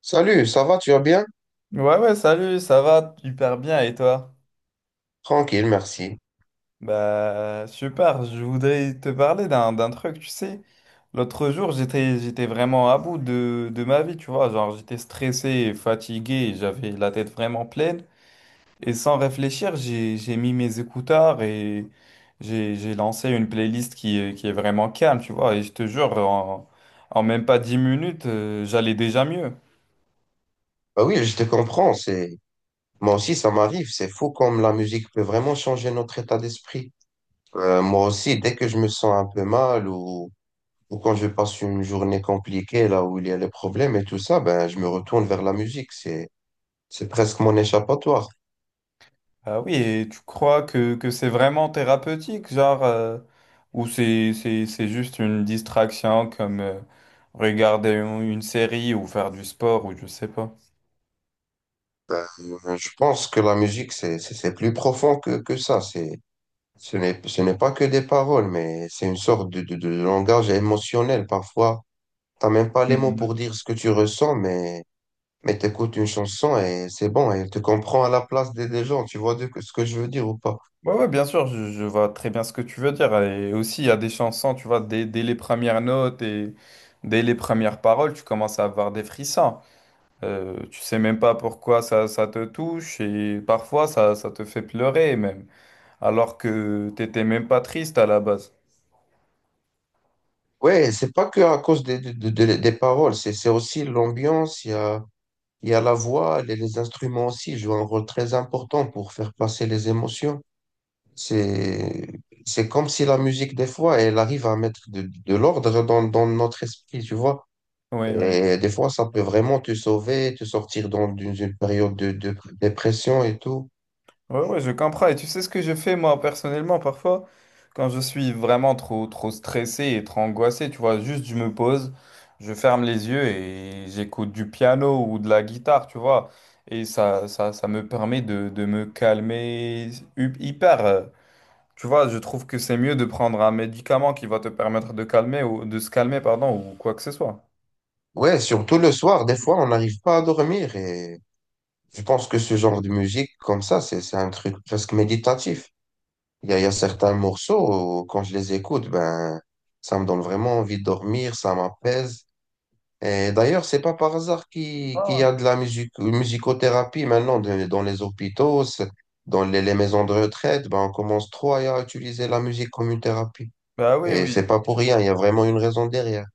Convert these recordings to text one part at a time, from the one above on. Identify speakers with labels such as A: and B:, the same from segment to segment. A: Salut, ça va, tu vas bien?
B: Ouais, ouais, salut, ça va hyper bien et toi?
A: Tranquille, merci.
B: Bah, super, je voudrais te parler d'un truc, tu sais. L'autre jour, j'étais vraiment à bout de ma vie, tu vois. Genre, j'étais stressé et fatigué, et j'avais la tête vraiment pleine. Et sans réfléchir, j'ai mis mes écouteurs et j'ai lancé une playlist qui est vraiment calme, tu vois. Et je te jure, en même pas 10 minutes, j'allais déjà mieux.
A: Bah oui, je te comprends, c'est moi aussi ça m'arrive, c'est fou comme la musique peut vraiment changer notre état d'esprit. Moi aussi, dès que je me sens un peu mal ou quand je passe une journée compliquée là où il y a les problèmes et tout ça, ben je me retourne vers la musique, c'est presque mon échappatoire.
B: Ah oui, et tu crois que c'est vraiment thérapeutique, genre, ou c'est juste une distraction comme regarder une série ou faire du sport ou je sais pas.
A: Ben, je pense que la musique c'est plus profond que ça, c'est ce n'est pas que des paroles, mais c'est une sorte de langage émotionnel parfois. T'as même pas les mots
B: Mhm.
A: pour dire ce que tu ressens, mais t'écoutes une chanson et c'est bon, et tu comprends à la place des gens, tu vois ce que je veux dire ou pas.
B: Ouais, ouais, bien sûr, je vois très bien ce que tu veux dire. Et aussi, il y a des chansons, tu vois, dès les premières notes et dès les premières paroles, tu commences à avoir des frissons. Tu sais même pas pourquoi ça te touche et parfois ça te fait pleurer même, alors que t'étais même pas triste à la base.
A: Ouais, c'est pas que à cause des paroles, c'est aussi l'ambiance, il y a la voix, les instruments aussi jouent un rôle très important pour faire passer les émotions. C'est, c'est comme si la musique, des fois, elle arrive à mettre de l'ordre dans notre esprit, tu vois.
B: Oui.
A: Et des fois, ça peut vraiment te sauver, te sortir d'une une période de dépression et tout.
B: Ouais, ouais, je comprends. Et tu sais ce que je fais moi personnellement parfois, quand je suis vraiment trop stressé et trop angoissé, tu vois, juste je me pose, je ferme les yeux et j'écoute du piano ou de la guitare, tu vois. Et ça me permet de me calmer hyper. Tu vois, je trouve que c'est mieux de prendre un médicament qui va te permettre de calmer ou de se calmer, pardon, ou quoi que ce soit.
A: Ouais, surtout le soir, des fois, on n'arrive pas à dormir. Et je pense que ce genre de musique comme ça, c'est un truc presque méditatif. Il y a certains morceaux, où, quand je les écoute, ben, ça me donne vraiment envie de dormir, ça m'apaise. Et d'ailleurs, c'est pas par hasard qu'il
B: Ah
A: y
B: ouais.
A: a de la musique, musicothérapie maintenant dans les hôpitaux, dans les maisons de retraite. Ben, on commence trop à utiliser la musique comme une thérapie.
B: Bah oui,
A: Et c'est
B: oui.
A: pas pour rien, il y a vraiment une raison derrière.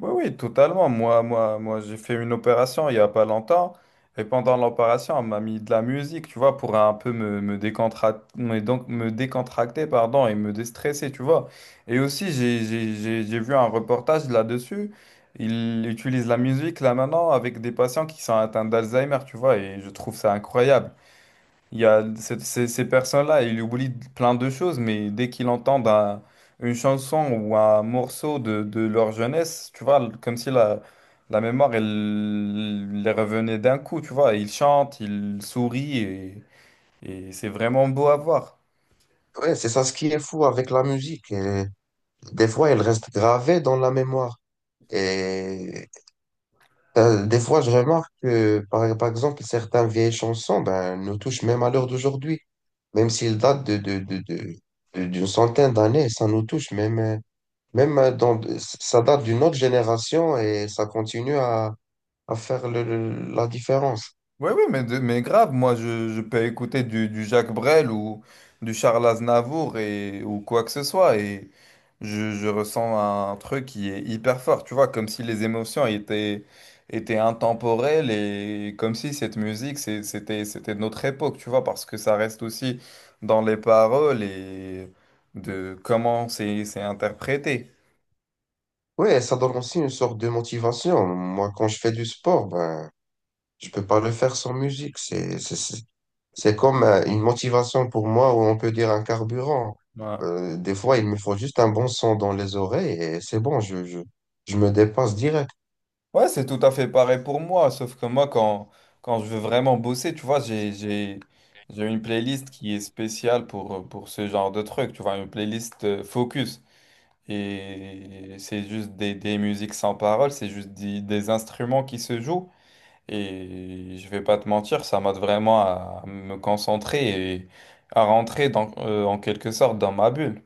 B: Oui, oui, totalement. Moi, j'ai fait une opération il n'y a pas longtemps. Et pendant l'opération, on m'a mis de la musique, tu vois, pour un peu me me décontracter, pardon, et me déstresser, tu vois. Et aussi, j'ai vu un reportage là-dessus. Ils utilisent la musique là maintenant avec des patients qui sont atteints d'Alzheimer, tu vois, et je trouve ça incroyable. Il y a ces personnes-là, ils oublient plein de choses, mais dès qu'ils entendent une chanson ou un morceau de leur jeunesse, tu vois, comme si la mémoire, elle les revenait d'un coup, tu vois. Ils chantent, ils sourient, et c'est vraiment beau à voir.
A: Ouais, c'est ça ce qui est fou avec la musique. Et des fois, elle reste gravée dans la mémoire. Et des fois, je remarque que, par exemple, certaines vieilles chansons ben, nous touchent même à l'heure d'aujourd'hui. Même s'ils datent d'une centaine d'années, ça nous touche. Ça date d'une autre génération et ça continue à faire la différence.
B: Oui, oui, mais, mais grave, moi je peux écouter du Jacques Brel ou du Charles Aznavour et, ou quoi que ce soit et je ressens un truc qui est hyper fort, tu vois, comme si les émotions étaient intemporelles et comme si cette musique c'était de notre époque, tu vois, parce que ça reste aussi dans les paroles et de comment c'est interprété.
A: Ouais, ça donne aussi une sorte de motivation. Moi, quand je fais du sport, ben, je peux pas le faire sans musique. C'est comme une motivation pour moi, ou on peut dire un carburant.
B: Ouais.
A: Des fois, il me faut juste un bon son dans les oreilles et c'est bon, je me dépasse direct.
B: Ouais, c'est tout à fait pareil pour moi, sauf que moi, quand je veux vraiment bosser, tu vois, j'ai une playlist qui est spéciale pour ce genre de truc, tu vois, une playlist focus. Et c'est juste des musiques sans parole, c'est juste des instruments qui se jouent. Et je vais pas te mentir, ça m'aide vraiment à me concentrer et à rentrer en quelque sorte dans ma bulle.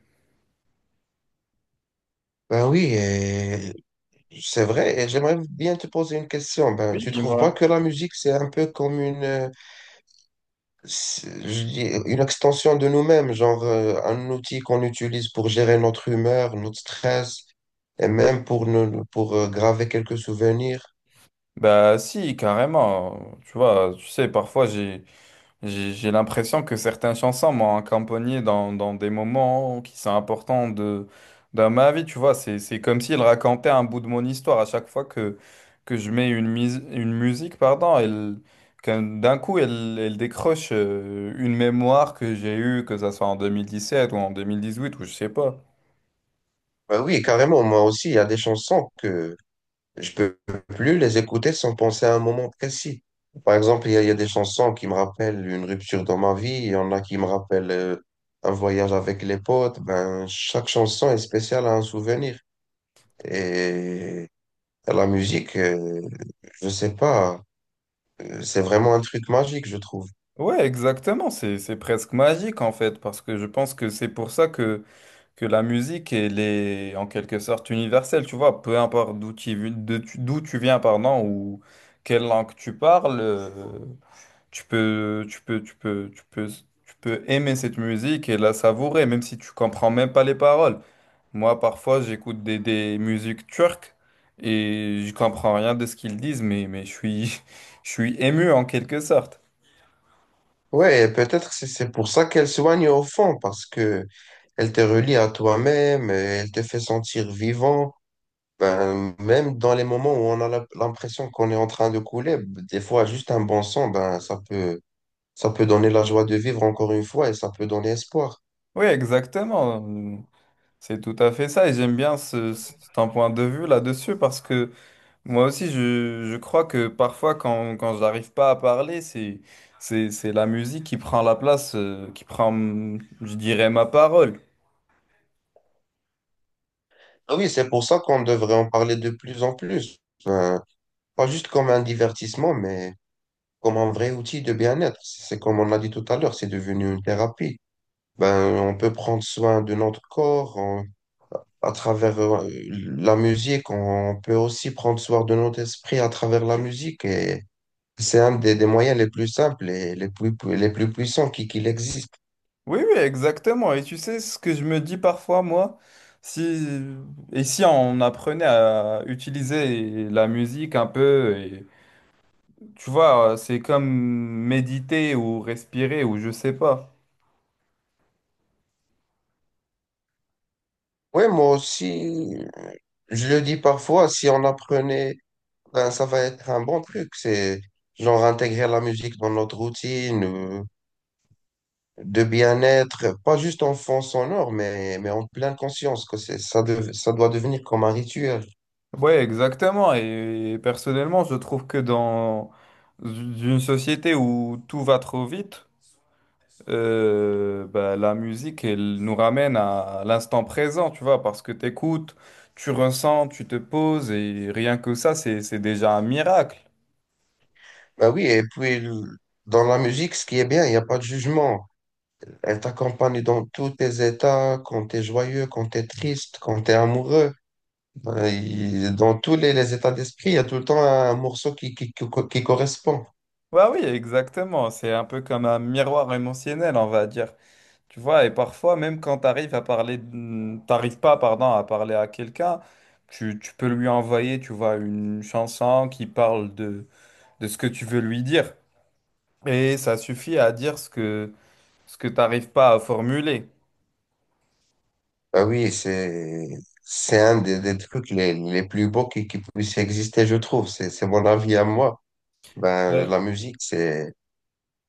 A: Ben oui, et c'est vrai, et j'aimerais bien te poser une question. Ben,
B: Oui,
A: tu trouves pas
B: dis-moi.
A: que la musique, c'est un peu comme une, je dis, une extension de nous-mêmes, genre un outil qu'on utilise pour gérer notre humeur, notre stress, et même pour, nous, pour graver quelques souvenirs?
B: Bah si, carrément. Tu vois, tu sais, parfois j'ai... J'ai l'impression que certaines chansons m'ont accompagné dans des moments qui sont importants dans ma vie, tu vois. C'est comme s'il racontait un bout de mon histoire à chaque fois que je mets une musique, pardon, elle, d'un coup, elle décroche une mémoire que j'ai eue, que ça soit en 2017 ou en 2018 ou je sais pas.
A: Bah oui, carrément, moi aussi, il y a des chansons que je peux plus les écouter sans penser à un moment précis. Par exemple, il y a des chansons qui me rappellent une rupture dans ma vie, il y en a qui me rappellent un voyage avec les potes. Ben, chaque chanson est spéciale à un souvenir. Et la musique, je sais pas, c'est vraiment un truc magique, je trouve.
B: Ouais, exactement. C'est presque magique en fait, parce que je pense que c'est pour ça que la musique, elle est en quelque sorte universelle, tu vois, peu importe d'où tu, vi- de tu- d'où tu viens, pardon, ou quelle langue tu parles, tu peux, tu peux, tu peux, tu peux, tu peux aimer cette musique et la savourer, même si tu comprends même pas les paroles. Moi, parfois, j'écoute des musiques turques et je comprends rien de ce qu'ils disent, mais je suis, je suis ému en quelque sorte.
A: Ouais, et peut-être c'est pour ça qu'elle soigne au fond, parce que elle te relie à toi-même, et elle te fait sentir vivant. Ben, même dans les moments où on a l'impression qu'on est en train de couler, des fois, juste un bon son, ça peut donner la joie de vivre encore une fois et ça peut donner espoir.
B: Oui, exactement. C'est tout à fait ça et j'aime bien ton point de vue là-dessus. Parce que moi aussi, je crois que parfois, quand j'arrive pas à parler, c'est la musique qui prend la place, qui prend, je dirais, ma parole.
A: Ah oui, c'est pour ça qu'on devrait en parler de plus en plus. Ben, pas juste comme un divertissement, mais comme un vrai outil de bien-être. C'est comme on a dit tout à l'heure, c'est devenu une thérapie. Ben, on peut prendre soin de notre corps, à travers la musique, on peut aussi prendre soin de notre esprit à travers la musique. Et c'est un des moyens les plus simples et les plus, les plus puissants qu'il existe.
B: Oui, oui, exactement. Et tu sais ce que je me dis parfois, moi, si, et si on apprenait à utiliser la musique un peu, et, tu vois, c'est comme méditer ou respirer ou je sais pas.
A: Oui, moi aussi, je le dis parfois, si on apprenait, ben, ça va être un bon truc. C'est genre intégrer la musique dans notre routine de bien-être, pas juste en fond sonore, mais en pleine conscience que ça doit devenir comme un rituel.
B: Ouais, exactement. Et personnellement, je trouve que dans une société où tout va trop vite, bah, la musique, elle nous ramène à l'instant présent, tu vois, parce que t'écoutes, tu ressens, tu te poses, et rien que ça, c'est déjà un miracle.
A: Ben oui, et puis dans la musique, ce qui est bien, il n'y a pas de jugement. Elle t'accompagne dans tous tes états, quand t'es joyeux, quand t'es triste, quand t'es amoureux. Dans tous les états d'esprit, il y a tout le temps un morceau qui correspond.
B: Bah oui, exactement, c'est un peu comme un miroir émotionnel, on va dire. Tu vois, et parfois, même quand t'arrives pas, pardon, à parler à quelqu'un, tu peux lui envoyer, tu vois, une chanson qui parle de ce que tu veux lui dire. Et ça suffit à dire ce que t'arrives pas à formuler.
A: Ah oui, c'est un des trucs les plus beaux qui puissent exister, je trouve. C'est mon avis à moi. Ben, la musique,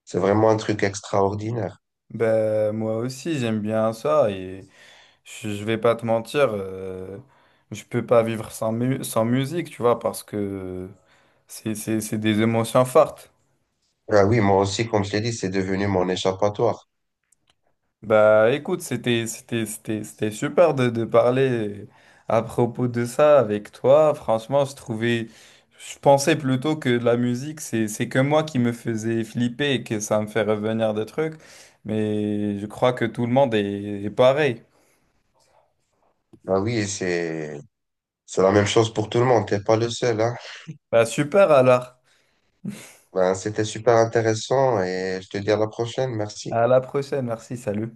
A: c'est vraiment un truc extraordinaire.
B: Ben, moi aussi, j'aime bien ça et je vais pas te mentir, je peux pas vivre sans musique, tu vois, parce que c'est des émotions fortes.
A: Ah oui, moi aussi, comme je l'ai dit, c'est devenu mon échappatoire.
B: Bah écoute, c'était super de parler à propos de ça avec toi. Franchement, je trouvais, je pensais plutôt que la musique, c'est que moi qui me faisais flipper et que ça me fait revenir des trucs, mais je crois que tout le monde est pareil.
A: Ah oui, c'est, C'est la même chose pour tout le monde, t'es pas le seul, hein.
B: Bah super alors.
A: Ben, c'était super intéressant et je te dis à la prochaine, merci.
B: À la prochaine, merci, salut.